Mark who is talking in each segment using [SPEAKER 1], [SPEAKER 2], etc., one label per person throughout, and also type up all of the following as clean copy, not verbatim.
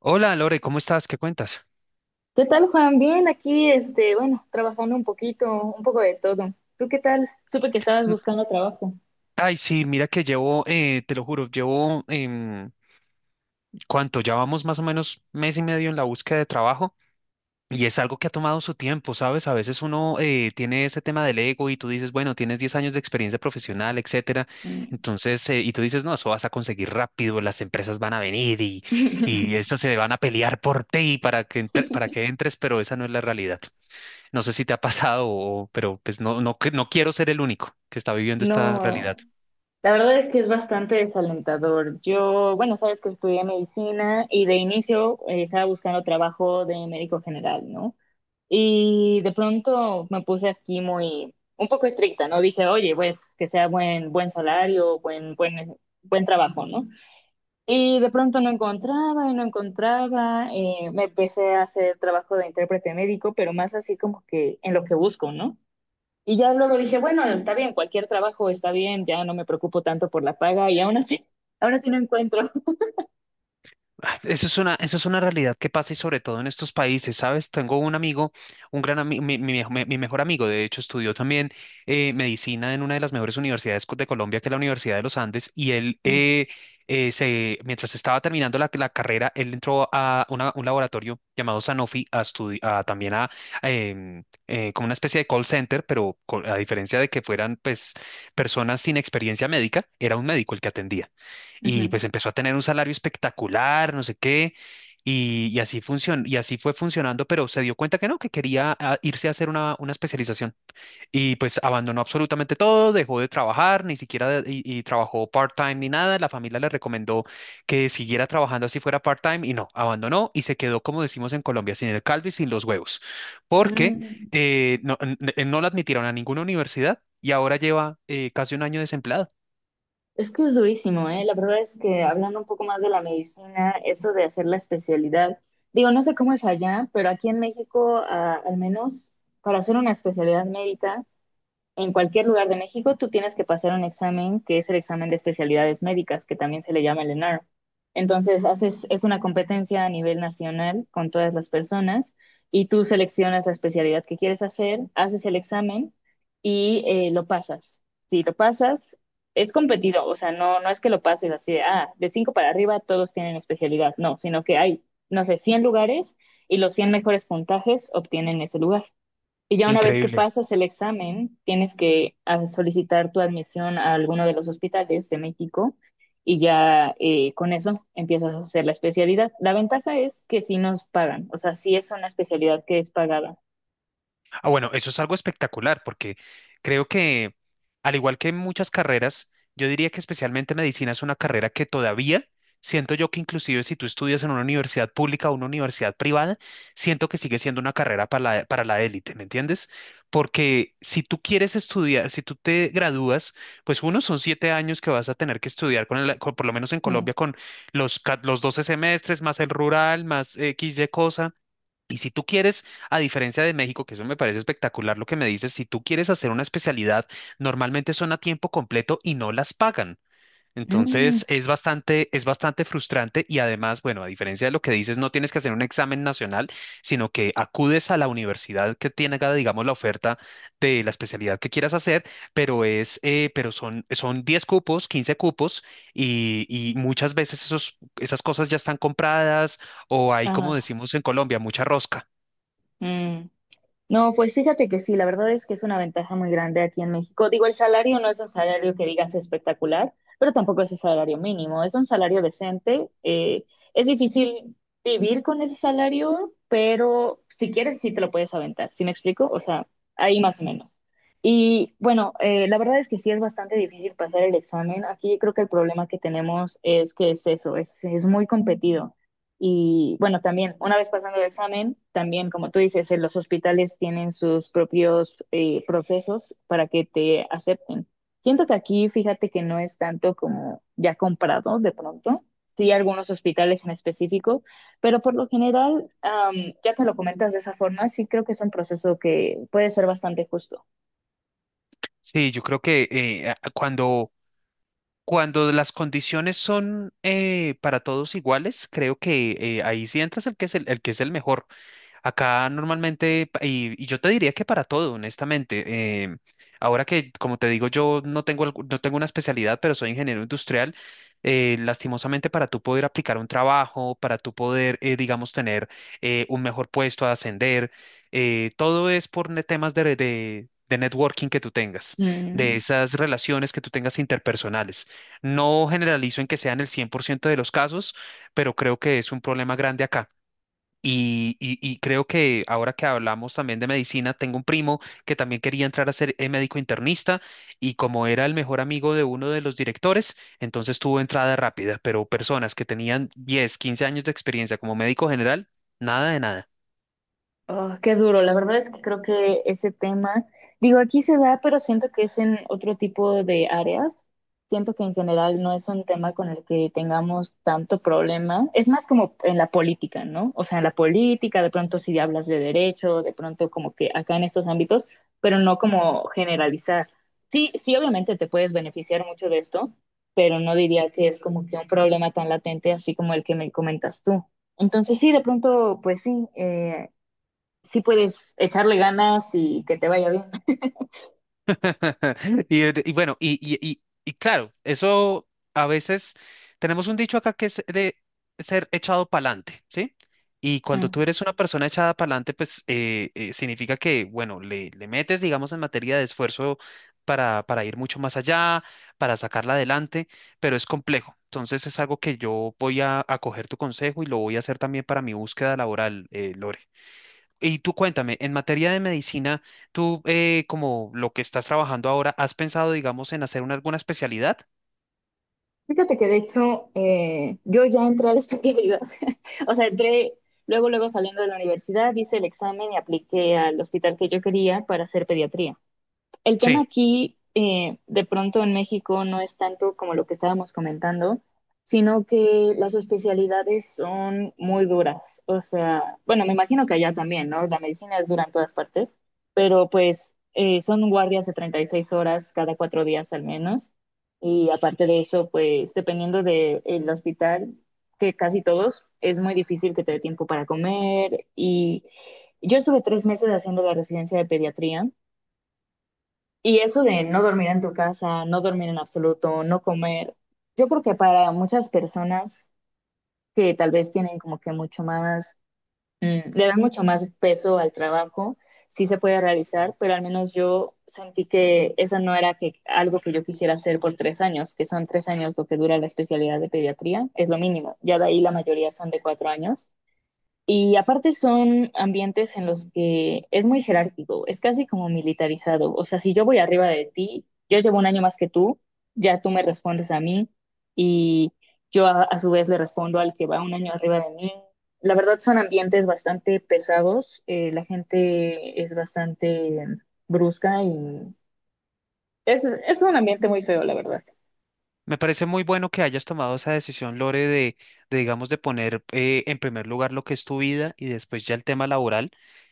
[SPEAKER 1] Hola Lore, ¿cómo estás? ¿Qué cuentas?
[SPEAKER 2] ¿Qué tal, Juan? Bien, aquí, bueno, trabajando un poquito, un poco de todo. ¿Tú qué tal? Supe que estabas
[SPEAKER 1] Mm.
[SPEAKER 2] buscando trabajo.
[SPEAKER 1] Ay, sí, mira que llevo, te lo juro, llevo, ¿cuánto? Ya vamos más o menos mes y medio en la búsqueda de trabajo y es algo que ha tomado su tiempo, ¿sabes? A veces uno tiene ese tema del ego y tú dices, bueno, tienes 10 años de experiencia profesional, etcétera.
[SPEAKER 2] Mm.
[SPEAKER 1] Entonces, y tú dices, no, eso vas a conseguir rápido, las empresas van a venir y eso se van a pelear por ti para que entres, pero esa no es la realidad. No sé si te ha pasado, pero pues no, no, no quiero ser el único que está viviendo esta realidad.
[SPEAKER 2] No, la verdad es que es bastante desalentador. Yo, bueno, sabes que estudié medicina y de inicio estaba buscando trabajo de médico general, ¿no? Y de pronto me puse aquí muy, un poco estricta, ¿no? Dije, oye, pues, que sea buen salario, buen trabajo, ¿no? Y de pronto no encontraba y no encontraba. Me empecé a hacer trabajo de intérprete médico, pero más así como que en lo que busco, ¿no? Y ya luego dije, bueno, está bien, cualquier trabajo está bien, ya no me preocupo tanto por la paga y aún así, ahora sí no encuentro.
[SPEAKER 1] Ah, eso es una realidad que pasa y sobre todo en estos países, ¿sabes? Tengo un amigo, un gran amigo, mi mejor amigo, de hecho, estudió también medicina en una de las mejores universidades de Colombia, que es la Universidad de los Andes, y él,
[SPEAKER 2] Mm,
[SPEAKER 1] mientras estaba terminando la carrera, él entró a un laboratorio llamado Sanofi a estudi- a también a, em, como una especie de call center, pero a diferencia de que fueran, pues, personas sin experiencia médica, era un médico el que atendía y
[SPEAKER 2] ujú.
[SPEAKER 1] pues empezó a tener un salario espectacular, no sé qué, y así funcionó, y así fue funcionando, pero se dio cuenta que no, que quería irse a hacer una, especialización y pues abandonó absolutamente todo, dejó de trabajar, ni siquiera y trabajó part-time ni nada, la familia le recomendó que siguiera trabajando así fuera part-time y no, abandonó y se quedó, como decimos en Colombia, sin el caldo y sin los huevos, porque
[SPEAKER 2] Mm.
[SPEAKER 1] no no la admitieron a ninguna universidad y ahora lleva casi un año desempleado.
[SPEAKER 2] Es que es durísimo, ¿eh? La verdad es que hablando un poco más de la medicina, esto de hacer la especialidad, digo, no sé cómo es allá, pero aquí en México, ah, al menos para hacer una especialidad médica, en cualquier lugar de México tú tienes que pasar un examen que es el examen de especialidades médicas, que también se le llama el ENAR. Entonces, haces, es una competencia a nivel nacional con todas las personas y tú seleccionas la especialidad que quieres hacer, haces el examen y lo pasas. Si lo pasas, es competido, o sea, no es que lo pases así de, ah, de 5 para arriba todos tienen especialidad, no, sino que hay, no sé, 100 lugares y los 100 mejores puntajes obtienen ese lugar. Y ya una vez que
[SPEAKER 1] Increíble.
[SPEAKER 2] pasas el examen, tienes que ah, solicitar tu admisión a alguno de los hospitales de México y ya con eso empiezas a hacer la especialidad. La ventaja es que sí nos pagan, o sea, sí es una especialidad que es pagada.
[SPEAKER 1] Ah, bueno, eso es algo espectacular porque creo que, al igual que muchas carreras, yo diría que especialmente medicina es una carrera que todavía siento yo que inclusive si tú estudias en una universidad pública o una universidad privada, siento que sigue siendo una carrera para la élite, ¿me entiendes? Porque si tú quieres estudiar, si tú te gradúas, pues uno son 7 años que vas a tener que estudiar con por lo menos en
[SPEAKER 2] Mm.
[SPEAKER 1] Colombia, con los 12 semestres, más el rural, más X, Y cosa y si tú quieres, a diferencia de México, que eso me parece espectacular lo que me dices, si tú quieres hacer una especialidad, normalmente son a tiempo completo y no las pagan.
[SPEAKER 2] Mm.
[SPEAKER 1] Entonces es bastante frustrante y además, bueno, a diferencia de lo que dices, no tienes que hacer un examen nacional, sino que acudes a la universidad que tenga, digamos, la oferta de la especialidad que quieras hacer, pero son 10 cupos, 15 cupos y muchas veces esos, esas cosas ya están compradas o hay, como
[SPEAKER 2] Ah,
[SPEAKER 1] decimos en Colombia, mucha rosca.
[SPEAKER 2] mm. No, pues fíjate que sí, la verdad es que es una ventaja muy grande aquí en México. Digo, el salario no es un salario que digas espectacular, pero tampoco es un salario mínimo, es un salario decente. Es difícil vivir con ese salario, pero si quieres, sí te lo puedes aventar. ¿Sí me explico? O sea, ahí más o menos. Y bueno, la verdad es que sí es bastante difícil pasar el examen. Aquí creo que el problema que tenemos es que es eso, es muy competido. Y bueno, también, una vez pasando el examen, también, como tú dices, en los hospitales tienen sus propios procesos para que te acepten. Siento que aquí, fíjate que no es tanto como ya comprado de pronto, sí algunos hospitales en específico, pero por lo general, am, ya que lo comentas de esa forma, sí creo que es un proceso que puede ser bastante justo.
[SPEAKER 1] Sí, yo creo que cuando las condiciones son para todos iguales, creo que ahí sí entras el que es el mejor. Acá normalmente, y yo te diría que para todo, honestamente, ahora que, como te digo, yo no tengo, no tengo una especialidad, pero soy ingeniero industrial, lastimosamente para tú poder aplicar un trabajo, para tú poder, digamos, tener un mejor puesto a ascender, todo es por temas de, de networking que tú tengas, de
[SPEAKER 2] Mm.
[SPEAKER 1] esas relaciones que tú tengas interpersonales. No generalizo en que sean el 100% de los casos, pero creo que es un problema grande acá. Y creo que ahora que hablamos también de medicina, tengo un primo que también quería entrar a ser médico internista y como era el mejor amigo de uno de los directores, entonces tuvo entrada rápida, pero personas que tenían 10 15 años de experiencia como médico general, nada de nada.
[SPEAKER 2] Oh, qué duro, la verdad es que creo que ese tema, digo, aquí se da, pero siento que es en otro tipo de áreas. Siento que en general no es un tema con el que tengamos tanto problema. Es más como en la política, ¿no? O sea, en la política, de pronto si hablas de derecho, de pronto como que acá en estos ámbitos, pero no como generalizar. Sí, sí, obviamente te puedes beneficiar mucho de esto, pero no diría que es como que un problema tan latente así como el que me comentas tú. Entonces sí, de pronto, pues sí, sí puedes echarle ganas y que te vaya bien.
[SPEAKER 1] Y bueno, y claro, eso a veces tenemos un dicho acá que es de ser echado pa'lante, ¿sí? Y cuando tú
[SPEAKER 2] Mm.
[SPEAKER 1] eres una persona echada pa'lante, pues significa que, bueno, le metes, digamos, en materia de esfuerzo para ir mucho más allá, para sacarla adelante, pero es complejo. Entonces es algo que yo voy a coger tu consejo y lo voy a hacer también para mi búsqueda laboral, Lore. Y tú cuéntame, en materia de medicina, tú como lo que estás trabajando ahora, ¿has pensado, digamos, en hacer una, alguna especialidad?
[SPEAKER 2] Fíjate que de hecho yo ya entré a la especialidad, o sea, entré luego, luego saliendo de la universidad, hice el examen y apliqué al hospital que yo quería para hacer pediatría. El tema
[SPEAKER 1] Sí.
[SPEAKER 2] aquí, de pronto en México, no es tanto como lo que estábamos comentando, sino que las especialidades son muy duras. O sea, bueno, me imagino que allá también, ¿no? La medicina es dura en todas partes, pero pues son guardias de 36 horas cada 4 días al menos. Y aparte de eso, pues dependiendo del hospital, que casi todos, es muy difícil que te dé tiempo para comer. Y yo estuve 3 meses haciendo la residencia de pediatría y eso de no dormir en tu casa, no dormir en absoluto, no comer, yo creo que para muchas personas que tal vez tienen como que mucho más, le dan mucho más peso al trabajo, sí se puede realizar, pero al menos yo sentí que eso no era que, algo que yo quisiera hacer por 3 años, que son 3 años lo que dura la especialidad de pediatría, es lo mínimo, ya de ahí la mayoría son de 4 años. Y aparte son ambientes en los que es muy jerárquico, es casi como militarizado. O sea, si yo voy arriba de ti, yo llevo un año más que tú, ya tú me respondes a mí y yo a su vez le respondo al que va un año arriba de mí. La verdad son ambientes bastante pesados, la gente es bastante brusca y es un ambiente muy feo, la verdad.
[SPEAKER 1] Me parece muy bueno que hayas tomado esa decisión, Lore, de, digamos, de poner en primer lugar lo que es tu vida y después ya el tema laboral.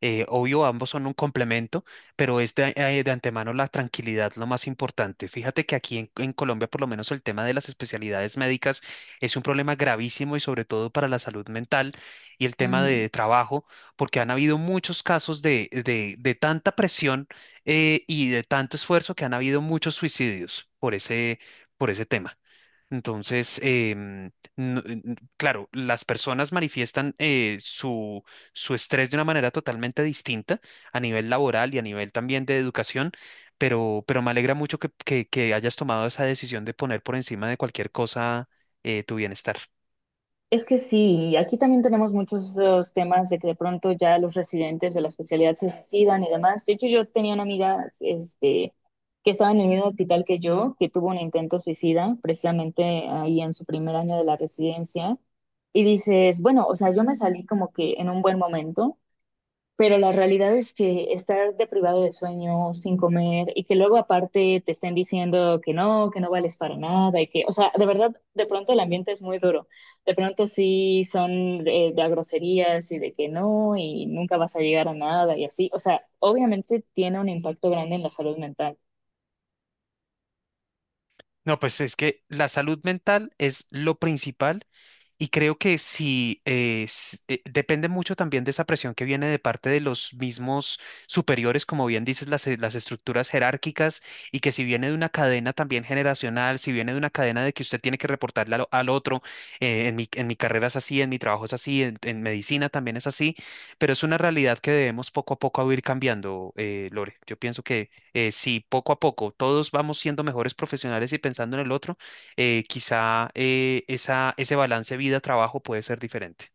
[SPEAKER 1] Obvio, ambos son un complemento, pero es de antemano la tranquilidad lo más importante. Fíjate que aquí en Colombia, por lo menos el tema de las especialidades médicas es un problema gravísimo y sobre todo para la salud mental y el tema
[SPEAKER 2] Ujú.
[SPEAKER 1] de trabajo, porque han habido muchos casos de tanta presión y de tanto esfuerzo que han habido muchos suicidios por ese tema. Entonces, claro, las personas manifiestan su estrés de una manera totalmente distinta a nivel laboral y a nivel también de educación, pero me alegra mucho que, que hayas tomado esa decisión de poner por encima de cualquier cosa tu bienestar.
[SPEAKER 2] Es que sí, y aquí también tenemos muchos los temas de que de pronto ya los residentes de la especialidad se suicidan y demás. De hecho, yo tenía una amiga este, que estaba en el mismo hospital que yo, que tuvo un intento suicida, precisamente ahí en su primer año de la residencia, y dices, bueno, o sea, yo me salí como que en un buen momento, pero la realidad es que estar deprivado de sueño, sin comer, y que luego aparte te estén diciendo que no vales para nada, y que, o sea, de verdad, de pronto el ambiente es muy duro. De pronto sí son de a groserías y de que no, y nunca vas a llegar a nada, y así. O sea, obviamente tiene un impacto grande en la salud mental.
[SPEAKER 1] No, pues es que la salud mental es lo principal y creo que si depende mucho también de esa presión que viene de parte de los mismos superiores, como bien dices, las estructuras jerárquicas y que si viene de una cadena también generacional, si viene de una cadena de que usted tiene que reportarle al otro, en mi carrera es así, en mi trabajo es así, en medicina también es así, pero es una realidad que debemos poco a poco ir cambiando, Lore. Yo pienso si poco a poco todos vamos siendo mejores profesionales y pensando en el otro, quizá ese balance vida-trabajo puede ser diferente.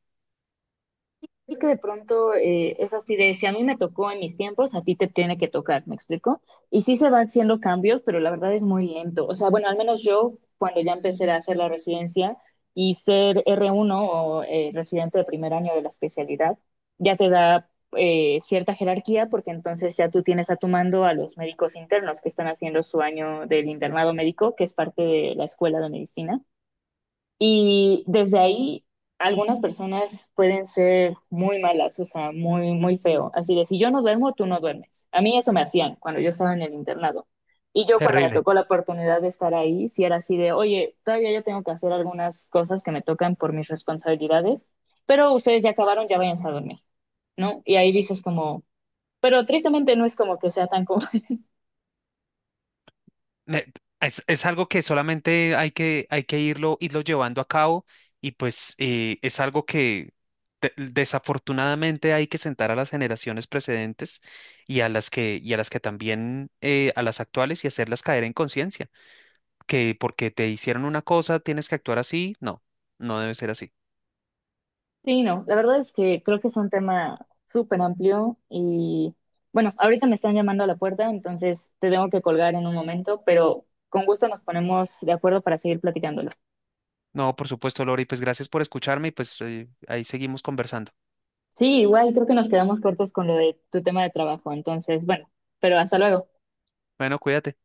[SPEAKER 2] Sí que de pronto es así de, si a mí me tocó en mis tiempos, a ti te tiene que tocar, ¿me explico? Y sí se van haciendo cambios, pero la verdad es muy lento. O sea, bueno, al menos yo cuando ya empecé a hacer la residencia y ser r uno o residente de primer año de la especialidad, ya te da cierta jerarquía porque entonces ya tú tienes a tu mando a los médicos internos que están haciendo su año del internado médico, que es parte de la escuela de medicina. Y desde ahí, algunas personas pueden ser muy malas, o sea, muy, muy feo. Así de, si yo no duermo, tú no duermes. A mí eso me hacían cuando yo estaba en el internado. Y yo cuando me
[SPEAKER 1] Terrible.
[SPEAKER 2] tocó la oportunidad de estar ahí, si era así de, oye, todavía yo tengo que hacer algunas cosas que me tocan por mis responsabilidades, pero ustedes ya acabaron, ya váyanse a dormir, ¿no? Y ahí dices como, pero tristemente no es como que sea tan co-
[SPEAKER 1] Me- es algo que solamente hay que irlo llevando a cabo y pues es algo que desafortunadamente hay que sentar a las generaciones precedentes y a las que, y a las que también, a las actuales y hacerlas caer en conciencia, que porque te hicieron una cosa tienes que actuar así, no, no debe ser así.
[SPEAKER 2] Sí, no, la verdad es que creo que es un tema súper amplio y bueno, ahorita me están llamando a la puerta, entonces te tengo que colgar en un momento, pero con gusto nos ponemos de acuerdo para seguir platicándolo.
[SPEAKER 1] No, por supuesto, Lori, pues gracias por escucharme y pues ahí seguimos conversando.
[SPEAKER 2] Sí, igual creo que nos quedamos cortos con lo de tu tema de trabajo, entonces bueno, pero hasta luego.
[SPEAKER 1] Bueno, cuídate.